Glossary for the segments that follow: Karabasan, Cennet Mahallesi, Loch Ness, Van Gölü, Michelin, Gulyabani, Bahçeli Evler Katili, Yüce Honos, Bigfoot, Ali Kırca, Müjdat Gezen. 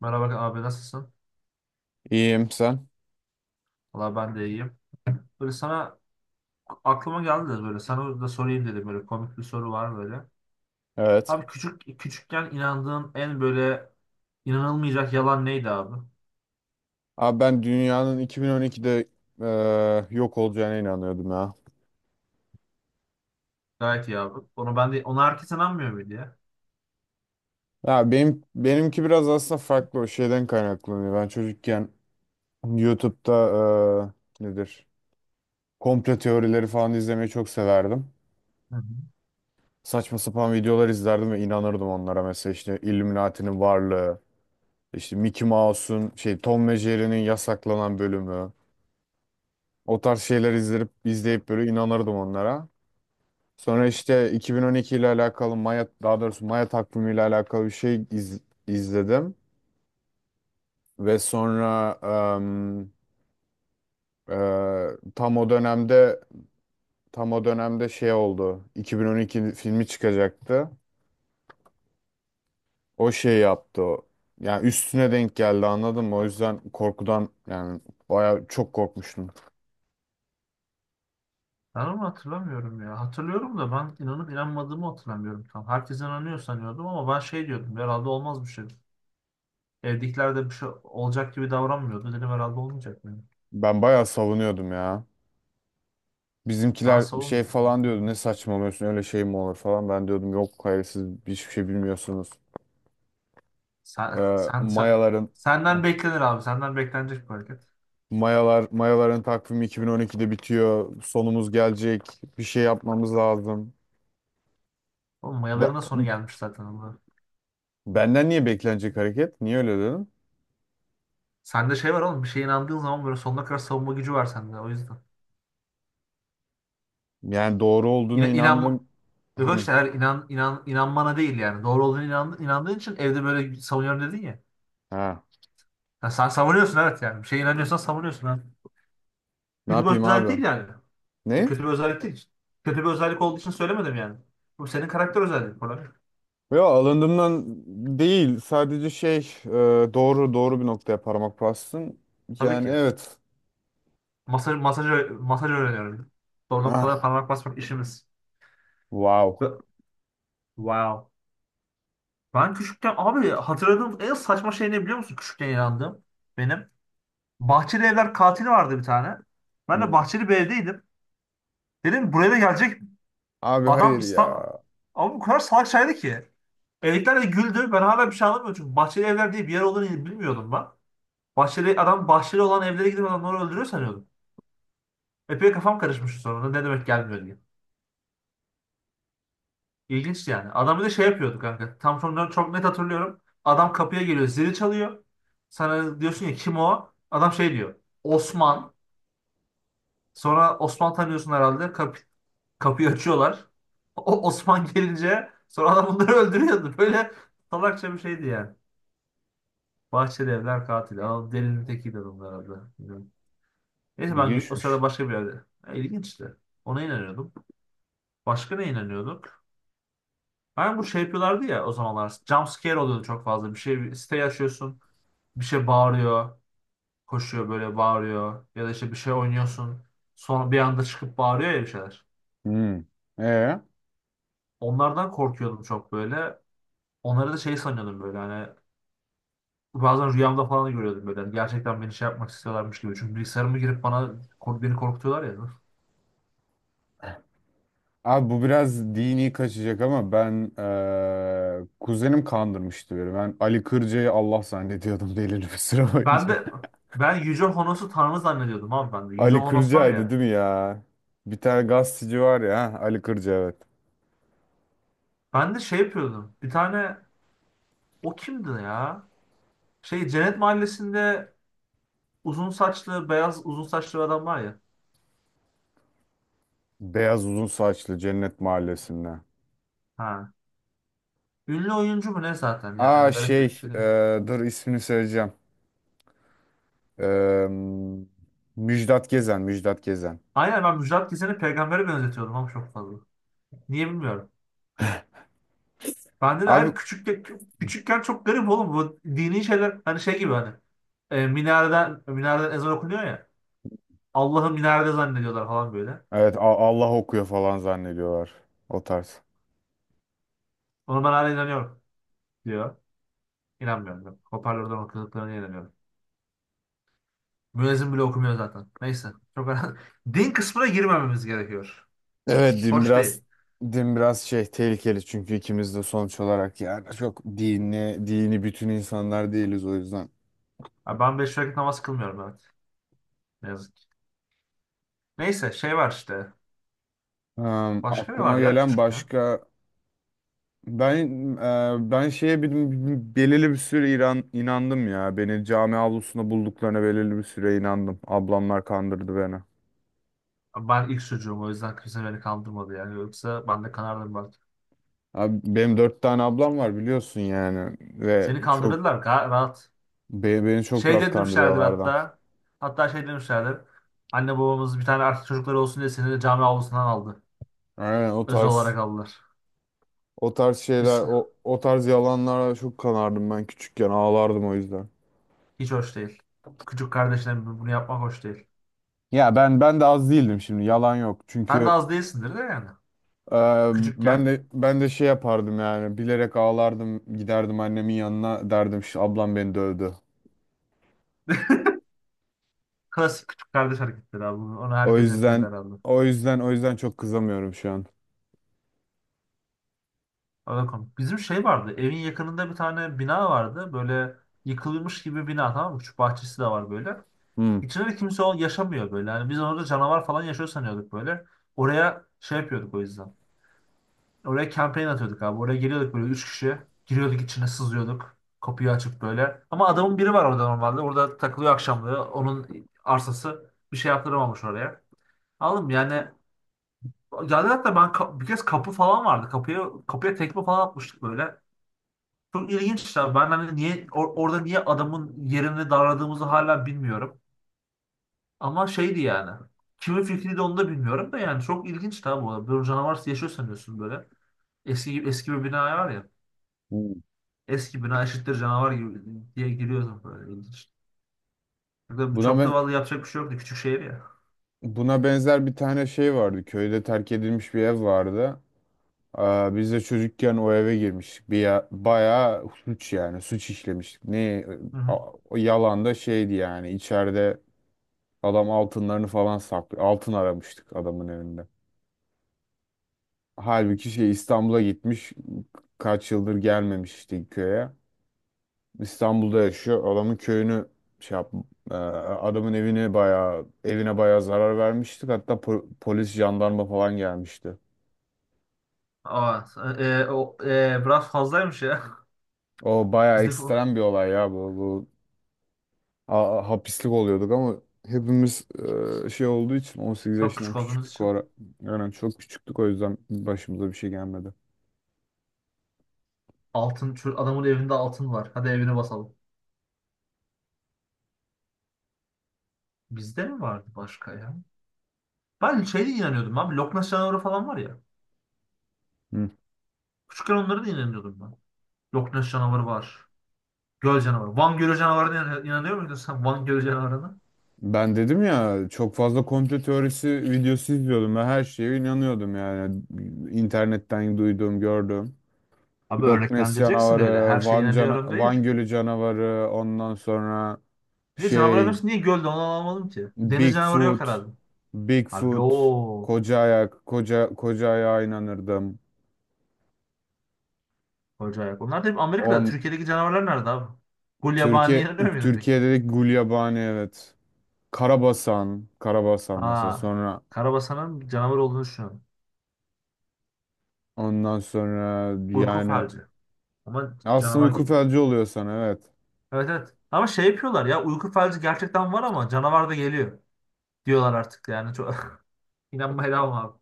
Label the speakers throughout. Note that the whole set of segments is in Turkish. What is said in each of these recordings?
Speaker 1: Merhaba abi, nasılsın?
Speaker 2: İyiyim, sen?
Speaker 1: Valla ben de iyiyim. Böyle sana Aklıma geldi de böyle sana da sorayım dedim, böyle komik bir soru var böyle.
Speaker 2: Evet.
Speaker 1: Abi küçükken inandığın en böyle inanılmayacak yalan neydi abi?
Speaker 2: Abi ben dünyanın 2012'de e, yok olacağına inanıyordum ya.
Speaker 1: Gayet iyi abi. Onu ben de Ona herkes inanmıyor muydu ya?
Speaker 2: Ya benim benimki biraz aslında farklı, o şeyden kaynaklanıyor. Ben çocukken YouTube'da nedir? Komplo teorileri falan izlemeyi çok severdim.
Speaker 1: Hı hı.
Speaker 2: Saçma sapan videolar izlerdim ve inanırdım onlara. Mesela işte Illuminati'nin varlığı, işte Mickey Mouse'un şey, Tom ve Jerry'nin yasaklanan bölümü. O tarz şeyler izleyip izleyip böyle inanırdım onlara. Sonra işte 2012 ile alakalı Maya, daha doğrusu Maya takvimi ile alakalı bir şey izledim ve sonra em, tam o dönemde şey oldu. 2012 filmi çıkacaktı. O şey yaptı o. Yani üstüne denk geldi, anladın mı? O yüzden korkudan yani baya çok korkmuştum.
Speaker 1: Ben onu hatırlamıyorum ya. Hatırlıyorum da ben inanıp inanmadığımı hatırlamıyorum tam. Herkes inanıyor sanıyordum ama ben şey diyordum, herhalde olmaz bir şey. Evdekiler de bir şey olacak gibi davranmıyordu. Dedim herhalde olmayacak mı?
Speaker 2: Ben bayağı savunuyordum ya.
Speaker 1: Ben
Speaker 2: Bizimkiler şey
Speaker 1: savunmuyorum.
Speaker 2: falan diyordu, ne saçmalıyorsun, öyle şey mi olur falan. Ben diyordum yok, hayır, siz hiçbir şey bilmiyorsunuz.
Speaker 1: Sen, sen, sen-
Speaker 2: Mayaların. Heh.
Speaker 1: Senden beklenir abi. Senden beklenecek bir hareket.
Speaker 2: Mayaların takvimi 2012'de bitiyor. Sonumuz gelecek. Bir şey yapmamız lazım.
Speaker 1: Oğlum mayaların da sonu
Speaker 2: Be-
Speaker 1: gelmiş zaten Allah.
Speaker 2: Benden niye beklenecek hareket? Niye öyle dedim?
Speaker 1: Sende şey var oğlum. Bir şeye inandığın zaman böyle sonuna kadar savunma gücü var sende. O yüzden.
Speaker 2: Yani doğru olduğuna
Speaker 1: İna, inanma,
Speaker 2: inandım.
Speaker 1: Yok
Speaker 2: Hı.
Speaker 1: işte, eğer inanmana değil yani. Doğru olduğunu inandığın için evde böyle savunuyorum dedin ya.
Speaker 2: Ha.
Speaker 1: Ya sen savunuyorsun evet yani. Bir şeye inanıyorsan savunuyorsun, ha.
Speaker 2: Ne
Speaker 1: Kötü bir
Speaker 2: yapayım
Speaker 1: özellik
Speaker 2: abi?
Speaker 1: değil yani.
Speaker 2: Ne?
Speaker 1: Kötü bir özellik değil. Kötü bir özellik olduğu için söylemedim yani. Bu senin karakter özelliğin falan.
Speaker 2: Yo, alındığımdan değil. Sadece şey e, doğru bir noktaya parmak bastın.
Speaker 1: Tabii
Speaker 2: Yani
Speaker 1: ki.
Speaker 2: evet.
Speaker 1: Masaj öğreniyorum. Doğru noktada
Speaker 2: Ah,
Speaker 1: parmak basmak işimiz.
Speaker 2: wow.
Speaker 1: Ve- Wow. Ben küçükken abi hatırladığım en saçma şey ne biliyor musun? Küçükken inandığım benim. Bahçeli Evler Katili vardı bir tane. Ben de
Speaker 2: Hı.
Speaker 1: bahçeli bir evdeydim. Dedim buraya da gelecek
Speaker 2: Abi,
Speaker 1: adam
Speaker 2: hayır ya.
Speaker 1: Ama bu kadar salak şeydi ki. Evdekiler de güldü. Ben hala bir şey anlamıyorum çünkü bahçeli evler diye bir yer olduğunu bilmiyordum ben. Bahçeli adam bahçeli olan evlere gidip adamları öldürüyor sanıyordum. Epey kafam karışmıştı sonra, ne demek gelmiyor diye. İlginç yani. Adam bir de şey yapıyordu kanka. Tam sonları çok net hatırlıyorum. Adam kapıya geliyor, zili çalıyor. Sana diyorsun ya kim o? Adam şey diyor. Osman. Sonra Osman tanıyorsun herhalde. Kapıyı açıyorlar. O Osman gelince sonra adam bunları öldürüyordu. Böyle salakça bir şeydi yani. Bahçeli evler katili. Adam delinin tekiydi adam herhalde. Bilmiyorum. Neyse ben o
Speaker 2: İlginçmiş.
Speaker 1: sırada başka bir yerde. Ya, İlginçti. Ona inanıyordum. Başka ne inanıyorduk? Ben bu Şey yapıyorlardı ya o zamanlar. Jump scare oluyordu çok fazla. Bir siteyi açıyorsun. Bir şey bağırıyor. Koşuyor böyle bağırıyor. Ya da işte bir şey oynuyorsun. Sonra bir anda çıkıp bağırıyor ya bir şeyler.
Speaker 2: Hı. E?
Speaker 1: Onlardan korkuyordum çok böyle. Onları da şey sanıyordum böyle, hani bazen rüyamda falan görüyordum böyle. Hani gerçekten beni şey yapmak istiyorlarmış gibi. Çünkü bilgisayarıma girip beni korkutuyorlar ya.
Speaker 2: Abi, bu biraz dini kaçacak ama ben kuzenim kandırmıştı beni. Ben Ali Kırca'yı Allah zannediyordum belirli bir süre
Speaker 1: Ben
Speaker 2: boyunca.
Speaker 1: de Ben Yüce Honos'u tanrı zannediyordum abi ben de. Yüce
Speaker 2: Ali
Speaker 1: Honos var
Speaker 2: Kırca'ydı,
Speaker 1: ya.
Speaker 2: değil mi ya? Bir tane gazeteci var ya, ha, Ali Kırca, evet.
Speaker 1: Ben de şey yapıyordum. Bir tane, o kimdi ya? Şey, Cennet Mahallesi'nde uzun saçlı beyaz uzun saçlı bir adam var ya.
Speaker 2: Beyaz uzun saçlı Cennet Mahallesi'nde.
Speaker 1: Ha. Ünlü oyuncu mu ne, zaten
Speaker 2: Aa,
Speaker 1: yani garip bir
Speaker 2: şey,
Speaker 1: şey.
Speaker 2: dur ismini söyleyeceğim. Eee, Müjdat Gezen, Müjdat Gezen.
Speaker 1: Aynen, ben Müjdat Gezen'i peygambere benzetiyordum ama çok fazla. Niye bilmiyorum. Bende de
Speaker 2: Abi,
Speaker 1: her küçük küçükken çok garip oğlum bu dini şeyler, hani şey gibi, hani minareden ezan okunuyor ya. Allah'ı minarede zannediyorlar falan böyle.
Speaker 2: evet, Allah okuyor falan zannediyorlar, o tarz.
Speaker 1: Ona ben hala inanıyorum diyor. İnanmıyorum ben. Hoparlörden okuduklarına inanıyorum. Müezzin bile okumuyor zaten. Neyse. Çok önemli. Din kısmına girmememiz gerekiyor.
Speaker 2: Evet, din
Speaker 1: Hoş
Speaker 2: biraz
Speaker 1: değil.
Speaker 2: şey, tehlikeli çünkü ikimiz de sonuç olarak yani çok dini bütün insanlar değiliz, o yüzden.
Speaker 1: Abi ben beş vakit namaz kılmıyorum, evet. Ne yazık ki. Neyse şey var işte. Başka ne var
Speaker 2: Aklıma
Speaker 1: ya
Speaker 2: gelen
Speaker 1: küçükken?
Speaker 2: başka, ben ben şeye belirli bir süre İran inandım ya. Beni cami avlusunda bulduklarına belirli bir süre inandım. Ablamlar kandırdı beni.
Speaker 1: Abi ben ilk çocuğum o yüzden kimse beni kandırmadı yani. Yoksa ben de kanardım belki.
Speaker 2: Abi, benim dört tane ablam var biliyorsun yani, ve
Speaker 1: Seni
Speaker 2: çok
Speaker 1: kandırdılar rahat.
Speaker 2: beni çok
Speaker 1: Şey
Speaker 2: rahat
Speaker 1: demişlerdir
Speaker 2: kandırıyorlardı.
Speaker 1: hatta. Hatta şey demişlerdir. Anne babamız bir tane erkek çocukları olsun diye seni de cami avlusundan aldı.
Speaker 2: Aynen, o
Speaker 1: Özel olarak
Speaker 2: tarz.
Speaker 1: aldılar.
Speaker 2: O tarz şeyler,
Speaker 1: Biz,
Speaker 2: o tarz yalanlara çok kanardım ben küçükken. Ağlardım o yüzden.
Speaker 1: hiç hoş değil. Küçük kardeşine bunu yapmak hoş değil.
Speaker 2: Ya, ben de az değildim şimdi. Yalan yok.
Speaker 1: Sen de
Speaker 2: Çünkü
Speaker 1: az değilsindir de yani.
Speaker 2: e, ben
Speaker 1: Küçükken.
Speaker 2: de ben de şey yapardım yani. Bilerek ağlardım. Giderdim annemin yanına, derdim şu ablam beni dövdü.
Speaker 1: Klasik küçük kardeş hareketleri abi. Onu
Speaker 2: O
Speaker 1: herkes yapıyordu
Speaker 2: yüzden
Speaker 1: herhalde.
Speaker 2: O yüzden çok kızamıyorum şu an.
Speaker 1: Bakalım, bizim şey vardı. Evin yakınında bir tane bina vardı. Böyle yıkılmış gibi bina, tamam mı? Küçük bahçesi de var böyle.
Speaker 2: Hmm.
Speaker 1: İçinde de kimse yaşamıyor böyle. Yani biz orada canavar falan yaşıyor sanıyorduk böyle. Oraya şey yapıyorduk o yüzden. Oraya kampanya atıyorduk abi. Oraya geliyorduk böyle üç kişi. Giriyorduk, içine sızıyorduk. Kapıyı açıp böyle. Ama adamın biri var orada normalde. Orada takılıyor akşamları. Onun arsası, bir şey yaptıramamış oraya. Aldım yani. Geldi hatta ben bir kez kapı falan vardı. Kapıya tekme falan atmıştık böyle. Çok ilginçler. Ben hani niye orada niye adamın yerini darladığımızı hala bilmiyorum. Ama şeydi yani. Kimin fikriydi onu da bilmiyorum da yani, çok ilginç tabi bu. Böyle canavar yaşıyor sanıyorsun böyle. Eski bir bina var ya.
Speaker 2: Hmm.
Speaker 1: Eski bina eşittir canavar gibi diye giriyorsun böyle, ilginç. Burada
Speaker 2: Buna
Speaker 1: çok da
Speaker 2: ben
Speaker 1: vallahi yapacak bir şey yoktu. Küçük şehir ya.
Speaker 2: Buna benzer bir tane şey vardı. Köyde terk edilmiş bir ev vardı. Aa, biz de çocukken o eve girmiştik. Bir ya, bayağı suç, yani suç işlemiştik.
Speaker 1: Hı
Speaker 2: A-
Speaker 1: hı.
Speaker 2: O yalan da şeydi yani, içeride adam altınlarını falan saklıyor. Altın aramıştık adamın evinde. Halbuki şey, İstanbul'a gitmiş, kaç yıldır gelmemiş işte köye. İstanbul'da yaşıyor. Adamın köyünü şey yap, adamın evini bayağı, evine bayağı zarar vermiştik. Hatta polis, jandarma falan gelmişti.
Speaker 1: Aa, biraz fazlaymış ya.
Speaker 2: O bayağı
Speaker 1: Bizde bu-
Speaker 2: ekstrem bir olay ya bu. Hapislik oluyorduk ama hepimiz şey olduğu için 18
Speaker 1: Çok
Speaker 2: yaşından
Speaker 1: küçük olduğumuz
Speaker 2: küçüktük o
Speaker 1: için.
Speaker 2: ara. Yani çok küçüktük, o yüzden başımıza bir şey gelmedi.
Speaker 1: Altın, şu adamın evinde altın var. Hadi evine basalım. Bizde mi vardı başka ya? Ben şeye de inanıyordum abi. Loch Ness canavarı falan var ya.
Speaker 2: Hı.
Speaker 1: Küçükken onlara da inanıyordum ben. Loch Ness canavarı var. Göl canavarı. Van Gölü canavarına inanıyor muydun sen Van Gölü canavarına?
Speaker 2: Ben dedim ya, çok fazla komplo teorisi videosu izliyordum ve her şeye inanıyordum yani, internetten duyduğum, gördüğüm.
Speaker 1: Abi
Speaker 2: Loch Ness
Speaker 1: örneklendireceksin öyle. Her
Speaker 2: canavarı,
Speaker 1: şeye inanıyorum değil.
Speaker 2: Van Gölü canavarı, ondan sonra
Speaker 1: Bir de canavarların
Speaker 2: şey,
Speaker 1: hepsi niye gölde, onu anlamadım ki. Deniz canavarı yok
Speaker 2: Bigfoot,
Speaker 1: herhalde. Abi
Speaker 2: Bigfoot,
Speaker 1: o
Speaker 2: koca ayak, koca koca ayağa inanırdım.
Speaker 1: acayip. Onlar da hep Amerika'da.
Speaker 2: On
Speaker 1: Türkiye'deki canavarlar nerede abi? Gulyabani'ye
Speaker 2: Türkiye
Speaker 1: inanıyor muydun peki?
Speaker 2: Türkiye'de de Gulyabani, evet. Karabasan mesela.
Speaker 1: Aa,
Speaker 2: Sonra
Speaker 1: Karabasan'ın canavar olduğunu düşünüyorum.
Speaker 2: ondan sonra
Speaker 1: Uyku
Speaker 2: yani
Speaker 1: falcı. Ama
Speaker 2: aslında
Speaker 1: canavar
Speaker 2: uyku
Speaker 1: geliyor.
Speaker 2: felci oluyor sana, evet.
Speaker 1: Evet, evet. Ama şey yapıyorlar ya, uyku felci gerçekten var ama canavar da geliyor diyorlar artık yani. Çok... İnanmaya devam abi.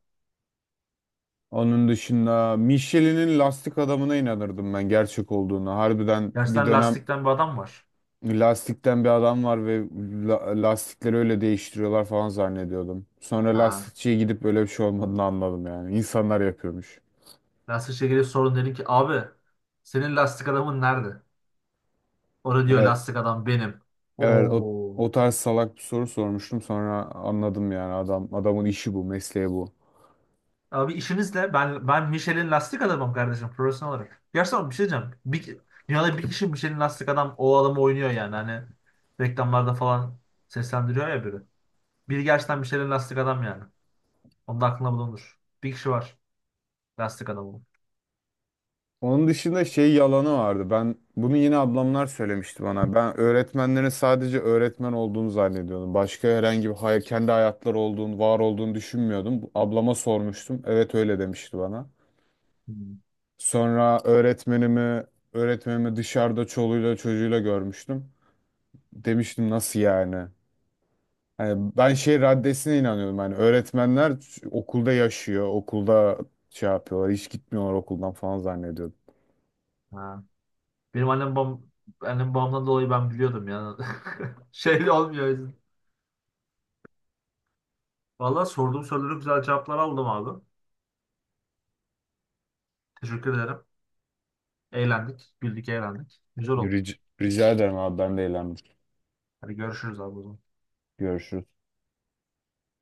Speaker 2: Onun dışında Michelin'in lastik adamına inanırdım ben, gerçek olduğuna. Harbiden bir
Speaker 1: Gerçekten
Speaker 2: dönem.
Speaker 1: lastikten bir adam var.
Speaker 2: Lastikten bir adam var ve lastikleri öyle değiştiriyorlar falan zannediyordum. Sonra
Speaker 1: Ha.
Speaker 2: lastikçiye gidip böyle bir şey olmadığını anladım yani. İnsanlar yapıyormuş.
Speaker 1: Lastikçiye gelip sorun dedim ki, abi senin lastik adamın nerede? Orada diyor,
Speaker 2: Evet,
Speaker 1: lastik adam benim.
Speaker 2: evet,
Speaker 1: Oo.
Speaker 2: o tarz salak bir soru sormuştum, sonra anladım yani adamın işi bu, mesleği bu.
Speaker 1: Abi işinizle ben Michelin lastik adamım kardeşim, profesyonel olarak. Gerçekten bir şey diyeceğim. Dünyada bir kişi Michelin lastik adam, o adamı oynuyor yani. Hani reklamlarda falan seslendiriyor ya biri. Biri gerçekten Michelin lastik adam yani. Onun da aklında bulunur. Bir kişi var. Lastik adamı.
Speaker 2: Onun dışında şey yalanı vardı. Ben bunu yine ablamlar söylemişti bana. Ben öğretmenlerin sadece öğretmen olduğunu zannediyordum. Başka herhangi bir kendi hayatları olduğunu, var olduğunu düşünmüyordum. Ablama sormuştum. Evet, öyle demişti bana.
Speaker 1: Hmm.
Speaker 2: Sonra öğretmenimi dışarıda çoluğuyla çocuğuyla görmüştüm. Demiştim, nasıl yani? Hani ben şey raddesine inanıyordum. Hani öğretmenler okulda yaşıyor, okulda şey yapıyorlar, hiç gitmiyorlar okuldan falan zannediyordum.
Speaker 1: Ha. Benim annem babam Annem babamdan dolayı ben biliyordum yani. Şey olmuyor, o yüzden. Vallahi sorduğum soruları güzel cevaplar aldım abi. Teşekkür ederim. Eğlendik. Güldük, eğlendik. Güzel oldu.
Speaker 2: Rica, rica ederim abi, ben de eğlendim.
Speaker 1: Hadi görüşürüz abi o zaman.
Speaker 2: Görüşürüz.